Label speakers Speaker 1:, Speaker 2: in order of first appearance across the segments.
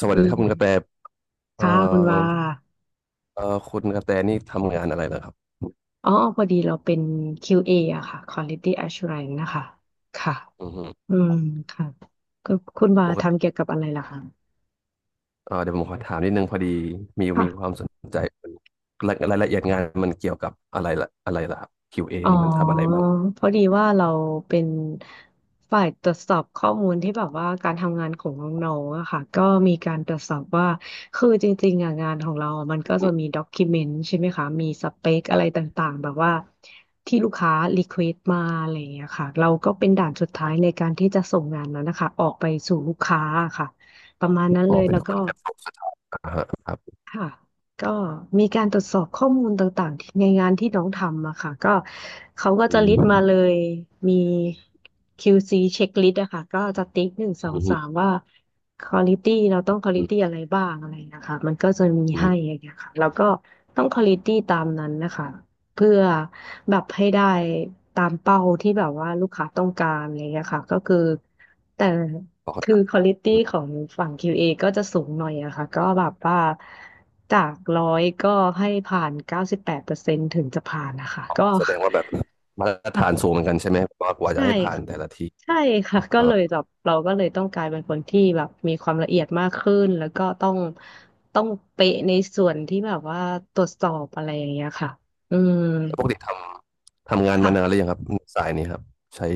Speaker 1: สวัส
Speaker 2: อื
Speaker 1: ดีครับคุณกระแต
Speaker 2: ม
Speaker 1: เอ่อ
Speaker 2: ค่ะคุณว่า
Speaker 1: คุณกระแตนี่ทำงานอะไรเหรอครับ
Speaker 2: อ๋อพอดีเราเป็น QA ออะค่ะ Quality Assurance นะคะ ค่ะ
Speaker 1: อือฮึ
Speaker 2: อืมค่ะก็คุณว่า
Speaker 1: ปกติ
Speaker 2: ทำเกี่ยวกับอะไรล่ะคะ
Speaker 1: เดี๋ยวผมขอถามนิดนึงพอดีมีควา
Speaker 2: ค่ะ
Speaker 1: มสนใจรายละเอียดงานมันเกี่ยวกับอะไรล่ะครับ QA
Speaker 2: อ๋อ
Speaker 1: นี่มันทำอะไรบ้าง
Speaker 2: เพราะดีว่าเราเป็นฝ่ายตรวจสอบข้อมูลที่แบบว่าการทำงานของน้องๆอะค่ะก็มีการตรวจสอบว่าคือจริงๆอะงานของเราอะมันก็จะ
Speaker 1: อืม
Speaker 2: มีด็อกิเมนต์ใช่ไหมคะมีสเปคอะไรต่างๆแบบว่าที่ลูกค้ารีเควสมาอะไรอย่างเงี้ยค่ะเราก็เป็นด่านสุดท้ายในการที่จะส่งงานนั้นนะคะออกไปสู่ลูกค้าอะค่ะประมาณนั้น
Speaker 1: อ๋อ
Speaker 2: เลย
Speaker 1: เป็
Speaker 2: แล้
Speaker 1: น
Speaker 2: ว
Speaker 1: ค
Speaker 2: ก็
Speaker 1: นกระทรวงสถาธาระครับ
Speaker 2: ค่ะก็มีการตรวจสอบข้อมูลต่างๆที่ในงานที่น้องทำอะค่ะก็เขาก็
Speaker 1: อื
Speaker 2: จะลิสต์มาเล
Speaker 1: ม
Speaker 2: ยมี QC เช็คลิสต์อะค่ะก็จะติ๊กหนึ่งส
Speaker 1: อื
Speaker 2: อง
Speaker 1: มอื
Speaker 2: สามว่าควอลิตี้เราต้องควอลิ
Speaker 1: ม
Speaker 2: ตี้อะไรบ้างอะไรนะคะมันก็จะมี
Speaker 1: อื
Speaker 2: ให้
Speaker 1: ม
Speaker 2: อย่างเงี้ยค่ะแล้วก็ต้องควอลิตี้ตามนั้นนะคะเพื่อแบบให้ได้ตามเป้าที่แบบว่าลูกค้าต้องการอะไรอย่างเงี้ยค่ะก็คือแต่
Speaker 1: พอเข้า
Speaker 2: คือ
Speaker 1: ใจ
Speaker 2: ควอลิตี้
Speaker 1: อืม
Speaker 2: ของฝั่ง QA ก็จะสูงหน่อยอะค่ะก็แบบว่าจากร้อยก็ให้ผ่าน98%ถึงจะผ่านนะคะ
Speaker 1: อ๋อ
Speaker 2: ก็
Speaker 1: แสดงว่าแบบมาตร
Speaker 2: อ่ะ
Speaker 1: ฐานสูงเหมือนกันใช่ไหมว่ากว่าจะ
Speaker 2: ใช่
Speaker 1: ให้ผ่าน
Speaker 2: ค่ะ
Speaker 1: แต่ละที
Speaker 2: ใช่ค่ะก็
Speaker 1: เอ่อ
Speaker 2: เลยแบบเราก็เลยต้องกลายเป็นคนที่แบบมีความละเอียดมากขึ้น แล้วก็ต้องเป๊ะในส่วนที่แบบว่าตรวจสอบอะไรอย่างเงี้ยค่ะอืม
Speaker 1: วปกติทำงาน
Speaker 2: ค่ะ
Speaker 1: มานานหรือยังครับสายนี้ครับใช้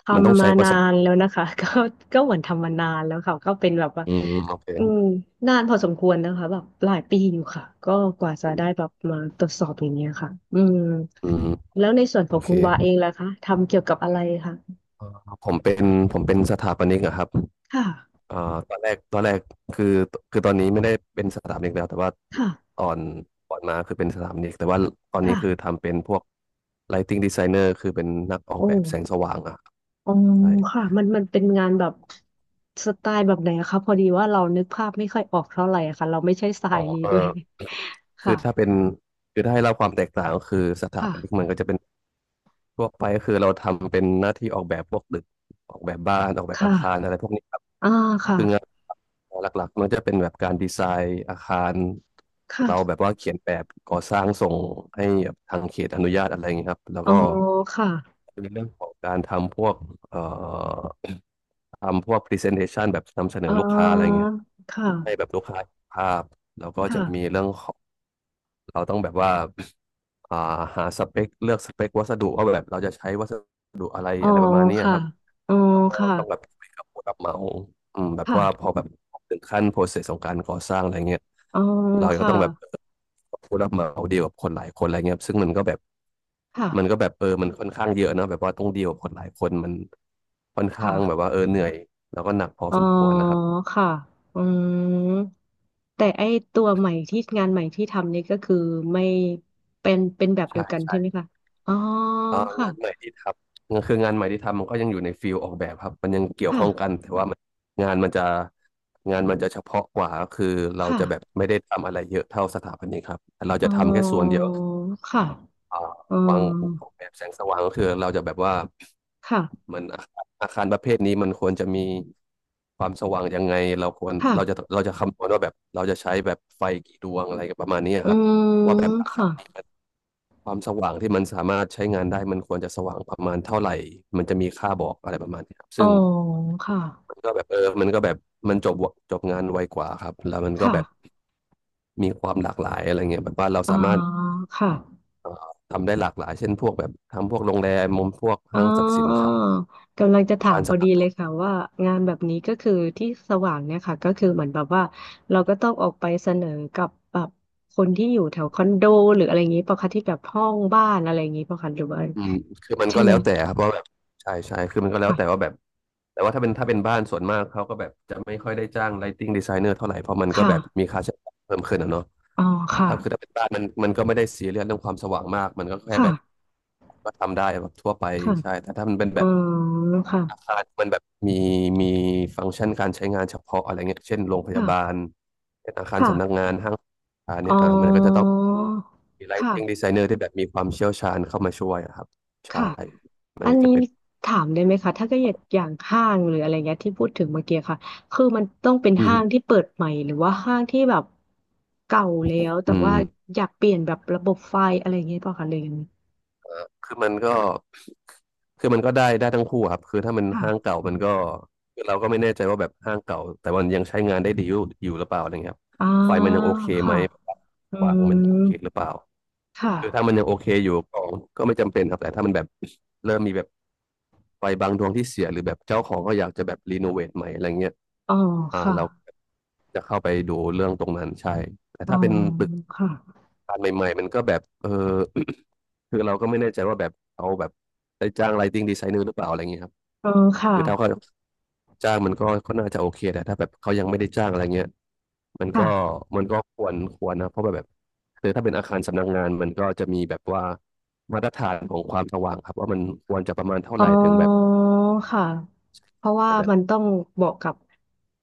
Speaker 2: ท
Speaker 1: มันต้อง
Speaker 2: ำมา
Speaker 1: ใช้ประ
Speaker 2: นา
Speaker 1: สบ
Speaker 2: นแล้วนะคะ ก็ก็เหมือนทำมานานแล้วค่ะก็เป็นแบบว่า
Speaker 1: อืมโอเค
Speaker 2: อืมนานพอสมควรนะคะแบบหลายปีอยู่ค่ะก็กว่าจะ
Speaker 1: อ
Speaker 2: ได้แบบมาตรวจสอบอย่างเงี้ยค่ะอืม
Speaker 1: ืม
Speaker 2: แล้วในส่วนข
Speaker 1: โอ
Speaker 2: อง
Speaker 1: เค
Speaker 2: คุณวาเองล่ะคะทำเกี่ยวกับอะไรคะ
Speaker 1: เอ่อผมเป็นผมเป็นสถาปนิกอะครับ
Speaker 2: ค่ะ
Speaker 1: เอ่อตอนแรกคือคือตอนนี้ไม่ได้เป็นสถาปนิกแล้วแต่ว่าต
Speaker 2: ค่ะ
Speaker 1: อนก่อนมาคือเป็นสถาปนิกแต่ว่าตอนนี้คือ
Speaker 2: ค่ะ
Speaker 1: ทำเป็นพวก Lighting Designer คือเป็นนักออ
Speaker 2: โ
Speaker 1: กแบบแสง
Speaker 2: อ้
Speaker 1: สว่างอะ
Speaker 2: อ๋อ
Speaker 1: ใช่
Speaker 2: ค่ะมันมันเป็นงานแบบสไตล์แบบไหนอะคะพอดีว่าเรานึกภาพไม่ค่อยออกเท่าไหร่อะค่ะเราไม่ใช่สา
Speaker 1: อ๋อ
Speaker 2: ยนี้
Speaker 1: เออ
Speaker 2: ด้วย
Speaker 1: คื
Speaker 2: ค่ะ
Speaker 1: อถ้าเป็นคือถ้าให้เล่าความแตกต่างก็คือสถา
Speaker 2: ค่ะ
Speaker 1: ปนิกมันก็จะเป็นทั่วไปก็คือเราทำเป็นหน้าที่ออกแบบพวกตึกออกแบบบ้านออกแบ
Speaker 2: ค
Speaker 1: บอาคาร
Speaker 2: ่ะ
Speaker 1: อะไรพวกนี้
Speaker 2: อ่าค่ะ
Speaker 1: คืองานหลักๆมันจะเป็นแบบการดีไซน์อาคารเราแบบ
Speaker 2: ค่ะ
Speaker 1: ว่าเขียนแบบก่อสร้างส่งให้ทางเขตอนุญาตอะไรอย่างเงี้ยครับแล้ว
Speaker 2: อ๋อ
Speaker 1: ก็
Speaker 2: ค่ะ
Speaker 1: เป็นเรื่องของการทำพวกเอ่อทำพวก presentation แบบนำเสน
Speaker 2: อ๋
Speaker 1: อ
Speaker 2: อ
Speaker 1: ลูกค้าอะไรอย่างเงี้ย
Speaker 2: ค
Speaker 1: ให้แบ
Speaker 2: ่ะ
Speaker 1: บลูกค้าเภาพแล้วก็จะมี
Speaker 2: ค่ะ
Speaker 1: เรื่องของเราต้องแบบว่าอ่าหาสเปคเลือกสเปควัสดุว่าแบบเราจะใช้วัสดุอะไร
Speaker 2: อ๋อ
Speaker 1: อะไรประมาณนี้
Speaker 2: ค่ะ
Speaker 1: ครับ
Speaker 2: อ๋อ
Speaker 1: แล้วก็
Speaker 2: ค่ะ
Speaker 1: ต้องแบบคุยกับผู้รับเหมาอืมแบบว่าพอ
Speaker 2: ค่ะ
Speaker 1: แบบถึงขั้นโปรเซสของการก่อสร้างอะไรเงี้ย
Speaker 2: อ๋อ
Speaker 1: เราก็
Speaker 2: ค่ะ
Speaker 1: ต้องแบบผู้รับเหมาเดียวกับคนหลายคนอะไรเงี้ยซึ่ง
Speaker 2: ค่ะ
Speaker 1: มันก็แบบเออมันค่อนข้างเยอะเนอะแบบว่าต้องเดียวกับคนหลายคนมันค่อน
Speaker 2: ค่ะ
Speaker 1: ข้างแบบว่าเออเหนื่อยแล้วก็หนักพอ
Speaker 2: อ๋อ
Speaker 1: สมควรนะครับ
Speaker 2: ค่ะอืมแต่ไอตัวใหม่ที่งานใหม่ที่ทำนี่ก็คือไม่เป็นเป็นแบบเดีย
Speaker 1: ใช่
Speaker 2: วกัน
Speaker 1: ใช่
Speaker 2: ใช่ไหมคะอ๋อ
Speaker 1: อ่า
Speaker 2: ค่ะ
Speaker 1: งานใหม่ที่ทำคืองานใหม่ที่ทำมันก็ยังอยู่ในฟิลออกแบบครับมันยังเกี่ยว
Speaker 2: ค่ะ
Speaker 1: ข้องกันแต่ว่ามันงานมันจะงานมันจะเฉพาะกว่าก็คือเรา
Speaker 2: ค่ะ
Speaker 1: จะแบบไม่ได้ทำอะไรเยอะเท่าสถาปนิกครับแต่เรา
Speaker 2: อ๋อ
Speaker 1: จะทำแค่ส่วนเดียว
Speaker 2: ค่ะ
Speaker 1: อ่า
Speaker 2: อื
Speaker 1: วา
Speaker 2: ม
Speaker 1: งออกแบบแสงสว่างก็คือเราจะแบบว่า
Speaker 2: ค่ะ
Speaker 1: มันอาคารประเภทนี้มันควรจะมีความสว่างยังไงเราควร
Speaker 2: ค่ะ
Speaker 1: เราจะเราจะคำนวณว่าแบบเราจะใช้แบบไฟกี่ดวงอะไรประมาณนี้
Speaker 2: อื
Speaker 1: ครับว่าแบ
Speaker 2: ม
Speaker 1: บอาคา
Speaker 2: ค่ะ
Speaker 1: ร ความสว่างที่มันสามารถใช้งานได้มันควรจะสว่างประมาณเท่าไหร่มันจะมีค่าบอกอะไรประมาณนี้ครับ
Speaker 2: อ๋
Speaker 1: ซึ่
Speaker 2: อ
Speaker 1: ง
Speaker 2: ค่ะ
Speaker 1: มันก็แบบเออมันก็แบบมันจบจบงานไวกว่าครับ แล้วมันก็แบบ
Speaker 2: ค่ะ
Speaker 1: มีความหลากหลายอะไรเงี้ยแบบว่าเรา
Speaker 2: อ๋อ
Speaker 1: สามารถ
Speaker 2: ค่ะ
Speaker 1: ทำได้หลากหลายเช่นพวกแบบทำพวกโรงแรมมุมพวก
Speaker 2: อ๋
Speaker 1: ห้างสรรพสิน
Speaker 2: อ
Speaker 1: ค้า
Speaker 2: กำลังจะถา
Speaker 1: ร้า
Speaker 2: ม
Speaker 1: น
Speaker 2: พ
Speaker 1: สร
Speaker 2: อ
Speaker 1: รพ
Speaker 2: ดีเลยค่ะว่างานแบบนี้ก็คือที่สว่างเนี่ยค่ะก็คือเหมือนแบบว่าเราก็ต้องออกไปเสนอกับแบบคนที่อยู่แถวคอนโดหรืออะไรอย่างนี้ปะคะที่แบบห้องบ้านอะไรอย่างนี้ปะคะหรือว่า
Speaker 1: อืมคือมัน
Speaker 2: ใช่
Speaker 1: ก็
Speaker 2: ไห
Speaker 1: แล้
Speaker 2: ม
Speaker 1: วแต่ครับว่าแบบใช่ใช่คือมันก็แล้วแต่
Speaker 2: ค่ะ
Speaker 1: ว่าแบบแต่ว่าถ้าเป็นบ้านส่วนมากเขาก็แบบจะไม่ค่อยได้จ้าง lighting designer เท่าไหร่เพราะมันก็
Speaker 2: ค่ะ
Speaker 1: แบบมีค่าใช้จ่ายเพิ่มขึ้นอะเนาะ
Speaker 2: อ๋อค่ะ
Speaker 1: ถ้าคือถ้าเป็นบ้านมันมันก็ไม่ได้ซีเรียสเรื่องความสว่างมากมันก็แค่
Speaker 2: ค่ะ
Speaker 1: แบบก็ทำได้แบบทั่วไป
Speaker 2: ค่ะ
Speaker 1: ใช่แต่ถ้ามันเป็น
Speaker 2: อ๋
Speaker 1: แบ
Speaker 2: อ
Speaker 1: บ
Speaker 2: ค่ะ
Speaker 1: อาคารมันแบบมีฟังก์ชันการใช้งานเฉพาะอะไรเงี้ยเช่นโรงพยาบาล
Speaker 2: ค่ะ
Speaker 1: เช่นอาคารสำนัก
Speaker 2: ค่ะ
Speaker 1: งานห้างอา
Speaker 2: อ๋
Speaker 1: เนี่
Speaker 2: อ
Speaker 1: ยอ่ามันก็จะต้องมี lighting
Speaker 2: ค่ะ
Speaker 1: designer ที่แบบมีความเชี่ยวชาญเข้ามาช่วยอะครับใช่
Speaker 2: ค่ะ
Speaker 1: มัน
Speaker 2: อัน
Speaker 1: ก็จะ
Speaker 2: นี้
Speaker 1: เป็น
Speaker 2: ถามได้ไหมคะถ้าเก็อยากอย่างห้างหรืออะไรเงี้ยที่พูดถึงเมื่อกี้ค่ะคือมันต้องเป็น
Speaker 1: อื
Speaker 2: ห้างที่
Speaker 1: ม
Speaker 2: เปิดใหม่หรือว่าห้างที่แบบเก่าแล้วแต่
Speaker 1: อื
Speaker 2: ว่า
Speaker 1: ม
Speaker 2: อยากเปลี่ยนแบบระบบไฟอะไรเงี้ยเปล่าคะเลยงไง
Speaker 1: คือมันก็คือมันก็ได้ทั้งคู่ครับคือถ้ามัน
Speaker 2: ค่ะ
Speaker 1: ห้างเก่ามันก็คือเราก็ไม่แน่ใจว่าแบบห้างเก่าแต่มันยังใช้งานได้ดีอยู่หรือเปล่าอะไรเงี้ยครับ
Speaker 2: อ่า
Speaker 1: ไฟมันยังโอเคไหม
Speaker 2: ค่ะอื
Speaker 1: วาง
Speaker 2: ม
Speaker 1: มันยังโอเคหรือเปล่า
Speaker 2: ค่ะ
Speaker 1: คือถ้ามันยังโอเคอยู่ก็ก็ไม่จำเป็นครับแต่ถ้ามันแบบเริ่มมีแบบไฟบางดวงที่เสียหรือแบบเจ้าของก็อยากจะแบบรีโนเวทใหม่อะไรเงี้ย
Speaker 2: อ๋อ
Speaker 1: อ่า
Speaker 2: ค่ะ
Speaker 1: เราจะเข้าไปดูเรื่องตรงนั้นใช่แต่
Speaker 2: อ๋อ
Speaker 1: ถ้าเป็นตึก
Speaker 2: ค่ะ
Speaker 1: การใหม่ๆมันก็แบบเออ คือเราก็ไม่แน่ใจว่าแบบเอาแบบได้จ้าง lighting designer หรือเปล่าอะไรเงี้ยครับ
Speaker 2: อ๋อค่ะ
Speaker 1: คือถ้าเขาจ้างมันก็น่าจะโอเคแต่ถ้าแบบเขายังไม่ได้จ้างอะไรเงี้ยมันก็
Speaker 2: ค่ะ
Speaker 1: มันก็ควรนะเพราะแบบคือถ้าเป็นอาคารสำนักงานมันก็จะมีแบบว่ามาตรฐานของความสว่างครับว่ามันควรจะประมาณเท่า
Speaker 2: อ๋
Speaker 1: ไห
Speaker 2: อ
Speaker 1: ร่ถึงแบบ
Speaker 2: ค่ะเพราะว่า
Speaker 1: จะแบบ
Speaker 2: มันต้องเหมาะกับ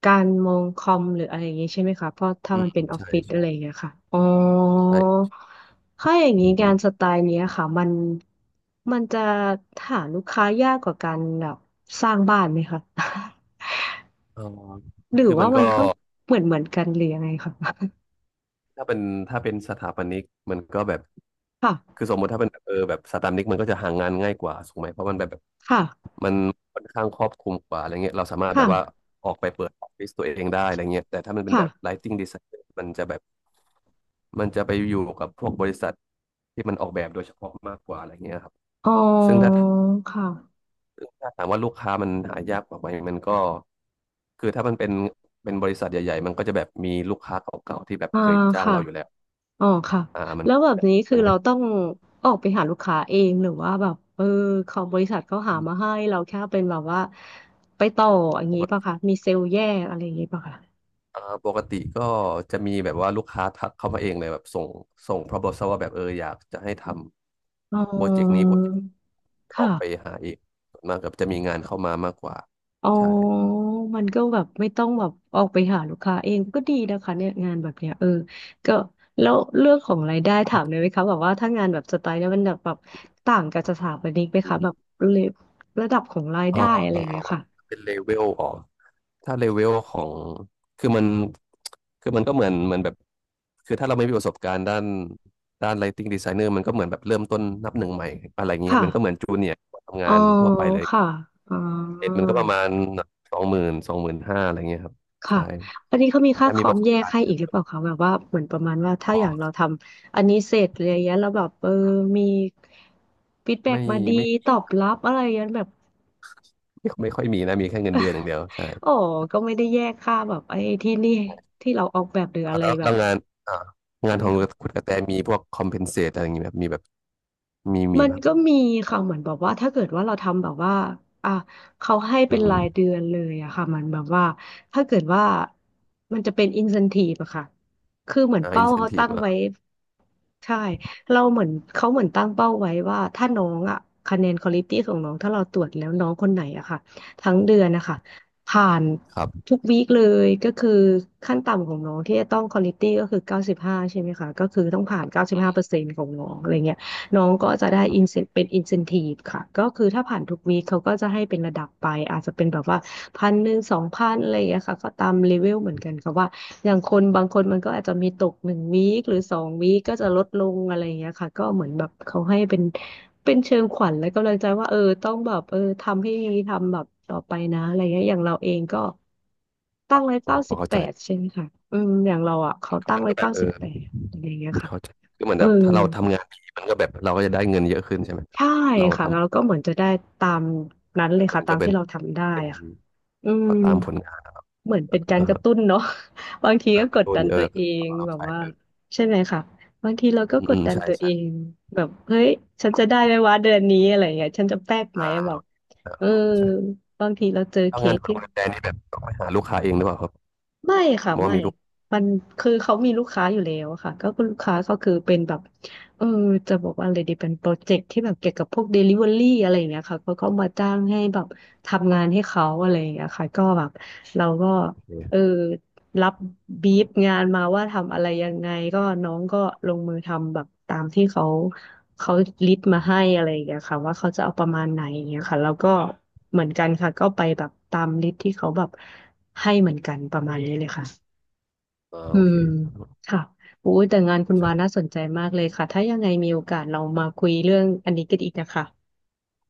Speaker 2: การมองคอมหรืออะไรอย่างงี้ใช่ไหมคะเพราะถ้า
Speaker 1: อื
Speaker 2: มั
Speaker 1: ม
Speaker 2: นเป็นออฟ
Speaker 1: ใช่
Speaker 2: ฟิศอะ
Speaker 1: ใช่
Speaker 2: ไรอย่างเงี้ยค่ะอ๋อ
Speaker 1: ใช่
Speaker 2: ถ้าอย่าง
Speaker 1: อื
Speaker 2: นี้งา
Speaker 1: ม
Speaker 2: นสไตล์เนี้ยค่ะมันมันจะหาลูกค้ายากกว่าการแบบสร้างบ้านไหมคะ
Speaker 1: เออ
Speaker 2: หรือ
Speaker 1: คือมั
Speaker 2: ว่า
Speaker 1: น
Speaker 2: มัน
Speaker 1: ก็
Speaker 2: ก็เหมือนเหมือนกันหรือยังไงคะ
Speaker 1: ถ้าเป็นถ้าเป็นสถาปนิกมันก็แบบคื
Speaker 2: ค่ะ
Speaker 1: อสมมติถ้าเป็นแบบแบบสถาปนิกมันก็จะหางานง่ายกว่าถูกไหมเพราะมันแบบ
Speaker 2: ค่ะ
Speaker 1: มันค่อนข้างครอบคลุมกว่าอะไรเงี้ยเราสามารถแบบว่า
Speaker 2: ค่ะ
Speaker 1: ออกไปเปิดออฟฟิศตัวเองได้อะไรเงี้ยแต่ถ้ามันเป็นแบบ
Speaker 2: ค่ะ
Speaker 1: lighting design มันจะแบบมันจะไปอยู่กับพวกบริษัทที่มันออกแบบโดยเฉพาะมากกว่าอะไรเงี้ยครับ
Speaker 2: อ๋อ
Speaker 1: ซึ่งถ้า
Speaker 2: ค่ะ
Speaker 1: ซึ่งถ้าถามว่าลูกค้ามันหายากกว่าไหมมันก็คือถ้ามันเป็นเป็นบริษัทใหญ่ๆมันก็จะแบบมีลูกค้าเก่าๆที่แบบ
Speaker 2: อ่า
Speaker 1: เคยจ้าง
Speaker 2: ค่ะ
Speaker 1: เราอยู่แล้ว
Speaker 2: อ๋อค่ะ
Speaker 1: อ่ามัน
Speaker 2: แล้วแบบนี้คื
Speaker 1: มั
Speaker 2: อ
Speaker 1: นก็
Speaker 2: เราต้องออกไปหาลูกค้าเองหรือว่าแบบเออเขาบริษัทเขาหามาให้เราแค่เป็นแบบว่าไปต่ออย่าง
Speaker 1: ป
Speaker 2: นี้
Speaker 1: ก
Speaker 2: ป่ะ
Speaker 1: ติ
Speaker 2: คะมีเซลล์แยกอะไรอย่างนี้ป่ะคะ
Speaker 1: อ่าปกติก็จะมีแบบว่าลูกค้าทักเข้ามาเองเลยแบบส่ง proposal ว่าแบบอยากจะให้ท
Speaker 2: อ๋
Speaker 1: ำโปรเจกต์นี้
Speaker 2: อ
Speaker 1: โปรเจกต์ออ
Speaker 2: ค่ะ
Speaker 1: กไปหาเองส่วนมากกับจะมีงานเข้ามามากกว่า
Speaker 2: อ๋
Speaker 1: ใช่
Speaker 2: อมันก็แบบไม่ต้องแบบออกไปหาลูกค้าเองก็ดีนะคะเนี่ยงานแบบเนี้ยเออก็แล้วเรื่องของรายได้ถามเลยไหมคะแบบว่าถ้างานแบบสไตล์เนี้ยมันแบบแบบต่างกับสถาปนิกไหม
Speaker 1: อื
Speaker 2: คะแบ
Speaker 1: ม
Speaker 2: บระดับของราย
Speaker 1: เอ่
Speaker 2: ได้อะไรอย่างเงี้ย
Speaker 1: อ
Speaker 2: ค่ะ
Speaker 1: เป็นเลเวลอ๋อถ้าเลเวลของคือมันคือมันก็เหมือนแบบคือถ้าเราไม่มีประสบการณ์ด้าน lighting designer มันก็เหมือนแบบเริ่มต้นนับหนึ่งใหม่อะไรเงี้ย
Speaker 2: ค่ะ
Speaker 1: มันก็เหมือนจูเนียร์ทำ
Speaker 2: อ๋
Speaker 1: งา
Speaker 2: อ
Speaker 1: นทั่วไปเลย
Speaker 2: ค่ะ อ๋อ
Speaker 1: เรทมันก็ประมาณ20,00025,000อะไรเงี้ยครับ
Speaker 2: ค่ะ
Speaker 1: ใช่
Speaker 2: อันนี้เขามีค่า
Speaker 1: แต่
Speaker 2: ค
Speaker 1: มี
Speaker 2: อ
Speaker 1: ป
Speaker 2: ม
Speaker 1: ระส
Speaker 2: แย
Speaker 1: บ
Speaker 2: ก
Speaker 1: การณ์
Speaker 2: ให้
Speaker 1: อาจ
Speaker 2: อี
Speaker 1: จะ
Speaker 2: กหรือ
Speaker 1: เปิ
Speaker 2: เป
Speaker 1: ด
Speaker 2: ล่าคะแบบว่าเหมือนประมาณว่าถ้า
Speaker 1: อ
Speaker 2: อ
Speaker 1: อ
Speaker 2: ย่าง
Speaker 1: ก
Speaker 2: เราทำอันนี้เสร็จอะไรอย่างเงี้ยแล้วแบบเออมีฟีดแบ็ก
Speaker 1: ไม่
Speaker 2: มาดี
Speaker 1: ไม่
Speaker 2: ตอบรับอะไรอย่างเงี้ยแบบ
Speaker 1: ไม่ค่อยมีนะมีแค่เงินเดือนอย่างเดียวใช่
Speaker 2: อ๋อก็ไม่ได้แยกค่าแบบไอ้ที่นี่ที่เราออกแบบหรือ
Speaker 1: อ่ะ
Speaker 2: อะไร
Speaker 1: แล้ว
Speaker 2: แบ
Speaker 1: แล้
Speaker 2: บ
Speaker 1: วงานอ่า
Speaker 2: ได้
Speaker 1: งาน
Speaker 2: ไห
Speaker 1: ข
Speaker 2: ม
Speaker 1: อง
Speaker 2: คะ
Speaker 1: คุณกระแตมีพวกคอมเพนเซตอะไรอย่างงี้แบบมีแบบมี
Speaker 2: มัน
Speaker 1: แบบ
Speaker 2: ก็มีค่ะเหมือนแบบว่าถ้าเกิดว่าเราทำแบบว่าอ่ะเขาให้
Speaker 1: อื
Speaker 2: เป็น
Speaker 1: ม
Speaker 2: รายเดือนเลยอะค่ะมันแบบว่าถ้าเกิดว่ามันจะเป็นอินเซนทีฟอะค่ะคือเหมือน
Speaker 1: อิ
Speaker 2: เป้า
Speaker 1: นเซน
Speaker 2: เขา
Speaker 1: ทีฟ
Speaker 2: ตั้ง
Speaker 1: อ่ะ
Speaker 2: ไว้ใช่เราเหมือนเขาเหมือนตั้งเป้าไว้ว่าถ้าน้องอะคะแนนควอลิตี้ของน้องถ้าเราตรวจแล้วน้องคนไหนอะค่ะทั้งเดือนนะคะผ่าน
Speaker 1: ครับ
Speaker 2: ทุกวีคเลยก็คือขั้นต่ำของน้องที่จะต้องควอลิตี้ก็คือเก้าสิบห้าใช่ไหมคะก็คือต้องผ่าน95%ของน้องอะไรเงี้ย น้องก็จะได้
Speaker 1: อื
Speaker 2: อินเซนเป็นอินเซนทีฟค่ะก็คือถ้าผ่านทุกวีคเขาก็จะให้เป็นระดับไปอาจจะเป็นแบบว่า1,0002,000อะไรอย่างเงี้ยค่ะก็ตามเลเวลเหมือนกัน
Speaker 1: ม
Speaker 2: ค่ะว่าอย่างคนบางคนมันก็อาจจะมีตกหนึ่งวีคหรือสองวีคก็จะลดลงอะไรอย่างเงี้ยค่ะก็เหมือนแบบเขาให้เป็นเชิงขวัญและกำลังใจว่าอต้องแบบอทำให้ดีทำแบบต่อไปนะอะไรเงี้ยอย่างเราเองก็ตั้งไว้เก้า
Speaker 1: พ
Speaker 2: สิ
Speaker 1: อ
Speaker 2: บ
Speaker 1: เข้า
Speaker 2: แป
Speaker 1: ใจ
Speaker 2: ดใช่ไหมคะอืมอย่างเราอ่ะเขา
Speaker 1: แล้ว
Speaker 2: ตั้ง
Speaker 1: ก็
Speaker 2: ไว้
Speaker 1: แบ
Speaker 2: เก้า
Speaker 1: บ
Speaker 2: สิบแปดอะไรอย่างเงี้ยค่ะ
Speaker 1: เข้าใจคือเหมือน
Speaker 2: อ
Speaker 1: แบบถ้าเราทำงานดีมันก็แบบเราก็จะได้เงินเยอะขึ้นใช่ไหมครับ
Speaker 2: ใช่
Speaker 1: เรา
Speaker 2: ค่ะ
Speaker 1: ท
Speaker 2: แล้วก็เหมือนจะได้ตามนั้นเลย
Speaker 1: ำมั
Speaker 2: ค่ะ
Speaker 1: น
Speaker 2: ตา
Speaker 1: ก็
Speaker 2: ม
Speaker 1: เป็
Speaker 2: ที่
Speaker 1: น
Speaker 2: เราทำได้
Speaker 1: เป็น
Speaker 2: ค่ะอืม
Speaker 1: ก็ตามผลงาน
Speaker 2: เหมือนเป็นการ
Speaker 1: อ่า
Speaker 2: กระ
Speaker 1: ฮะ
Speaker 2: ตุ้นเนาะ บางที
Speaker 1: แบ
Speaker 2: ก็
Speaker 1: บ
Speaker 2: กด
Speaker 1: โด
Speaker 2: ดั
Speaker 1: น
Speaker 2: นตัวเอง
Speaker 1: เอา
Speaker 2: แบบ
Speaker 1: ไป
Speaker 2: ว่าใช่ไหมคะบางทีเราก็
Speaker 1: อืม
Speaker 2: ก
Speaker 1: อื
Speaker 2: ด
Speaker 1: ม
Speaker 2: ดัน
Speaker 1: ใช่
Speaker 2: ตัวเอ
Speaker 1: ใช่
Speaker 2: งแบบเฮ้ยฉันจะได้ไหมวะเดือนนี้อะไรอย่างเงี้ยฉันจะแป๊กไหม
Speaker 1: อ่า
Speaker 2: แบ
Speaker 1: โอ
Speaker 2: บ
Speaker 1: เค
Speaker 2: อ
Speaker 1: พอเข้าใจ
Speaker 2: บางทีเราเจอเค
Speaker 1: ถ้างาน
Speaker 2: ส
Speaker 1: ของ
Speaker 2: ที่
Speaker 1: คุรมแดงนี่แบบต้องไปหาลูกค้าเองหรือเปล่าครับ
Speaker 2: ไม่ค่ะ
Speaker 1: ว่า
Speaker 2: ไม่
Speaker 1: มีลูก
Speaker 2: มันคือเขามีลูกค้าอยู่แล้วค่ะก็คือลูกค้าก็คือเป็นแบบอจะบอกว่าอะไรดีเป็นโปรเจกต์ที่แบบเกี่ยวกับพวกเดลิเวอรี่อะไรอย่างเงี้ยค่ะเขาก็มาจ้างให้แบบทำงานให้เขาอะไรอย่างเงี้ยค่ะก็แบบเราก็
Speaker 1: โอ
Speaker 2: อ
Speaker 1: เค
Speaker 2: รับบีฟงานมาว่าทำอะไรยังไงก็น้องก็ลงมือทำแบบตามที่เขาเขาลิสต์มาให้
Speaker 1: อ
Speaker 2: อะไรอย่างเงี้ยค่ะว่าเขาจะเอาประมาณไหนอย่างเงี้ยค่ะแล้วก็เหมือนกันค่ะก็ไปแบบตามลิสต์ที่เขาแบบให้เหมือนกันประมาณนี้เลยค่ะอื
Speaker 1: โอเค
Speaker 2: ม
Speaker 1: ครับ
Speaker 2: ค่ะโุ้ยแต่งานคุณวา
Speaker 1: ใช่
Speaker 2: น่าสนใจมากเลยค่ะถ้ายังไงมีโอกาสเรามาคุยเรื่องอันนี้กันอีกนะคะ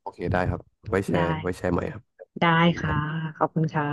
Speaker 1: โอเคได้ครับไว้แช
Speaker 2: ได้
Speaker 1: ร์ไว้แชร์ใหม่ครับ
Speaker 2: ได้
Speaker 1: อันนั้นได้
Speaker 2: ค่ะขอบคุณค่ะ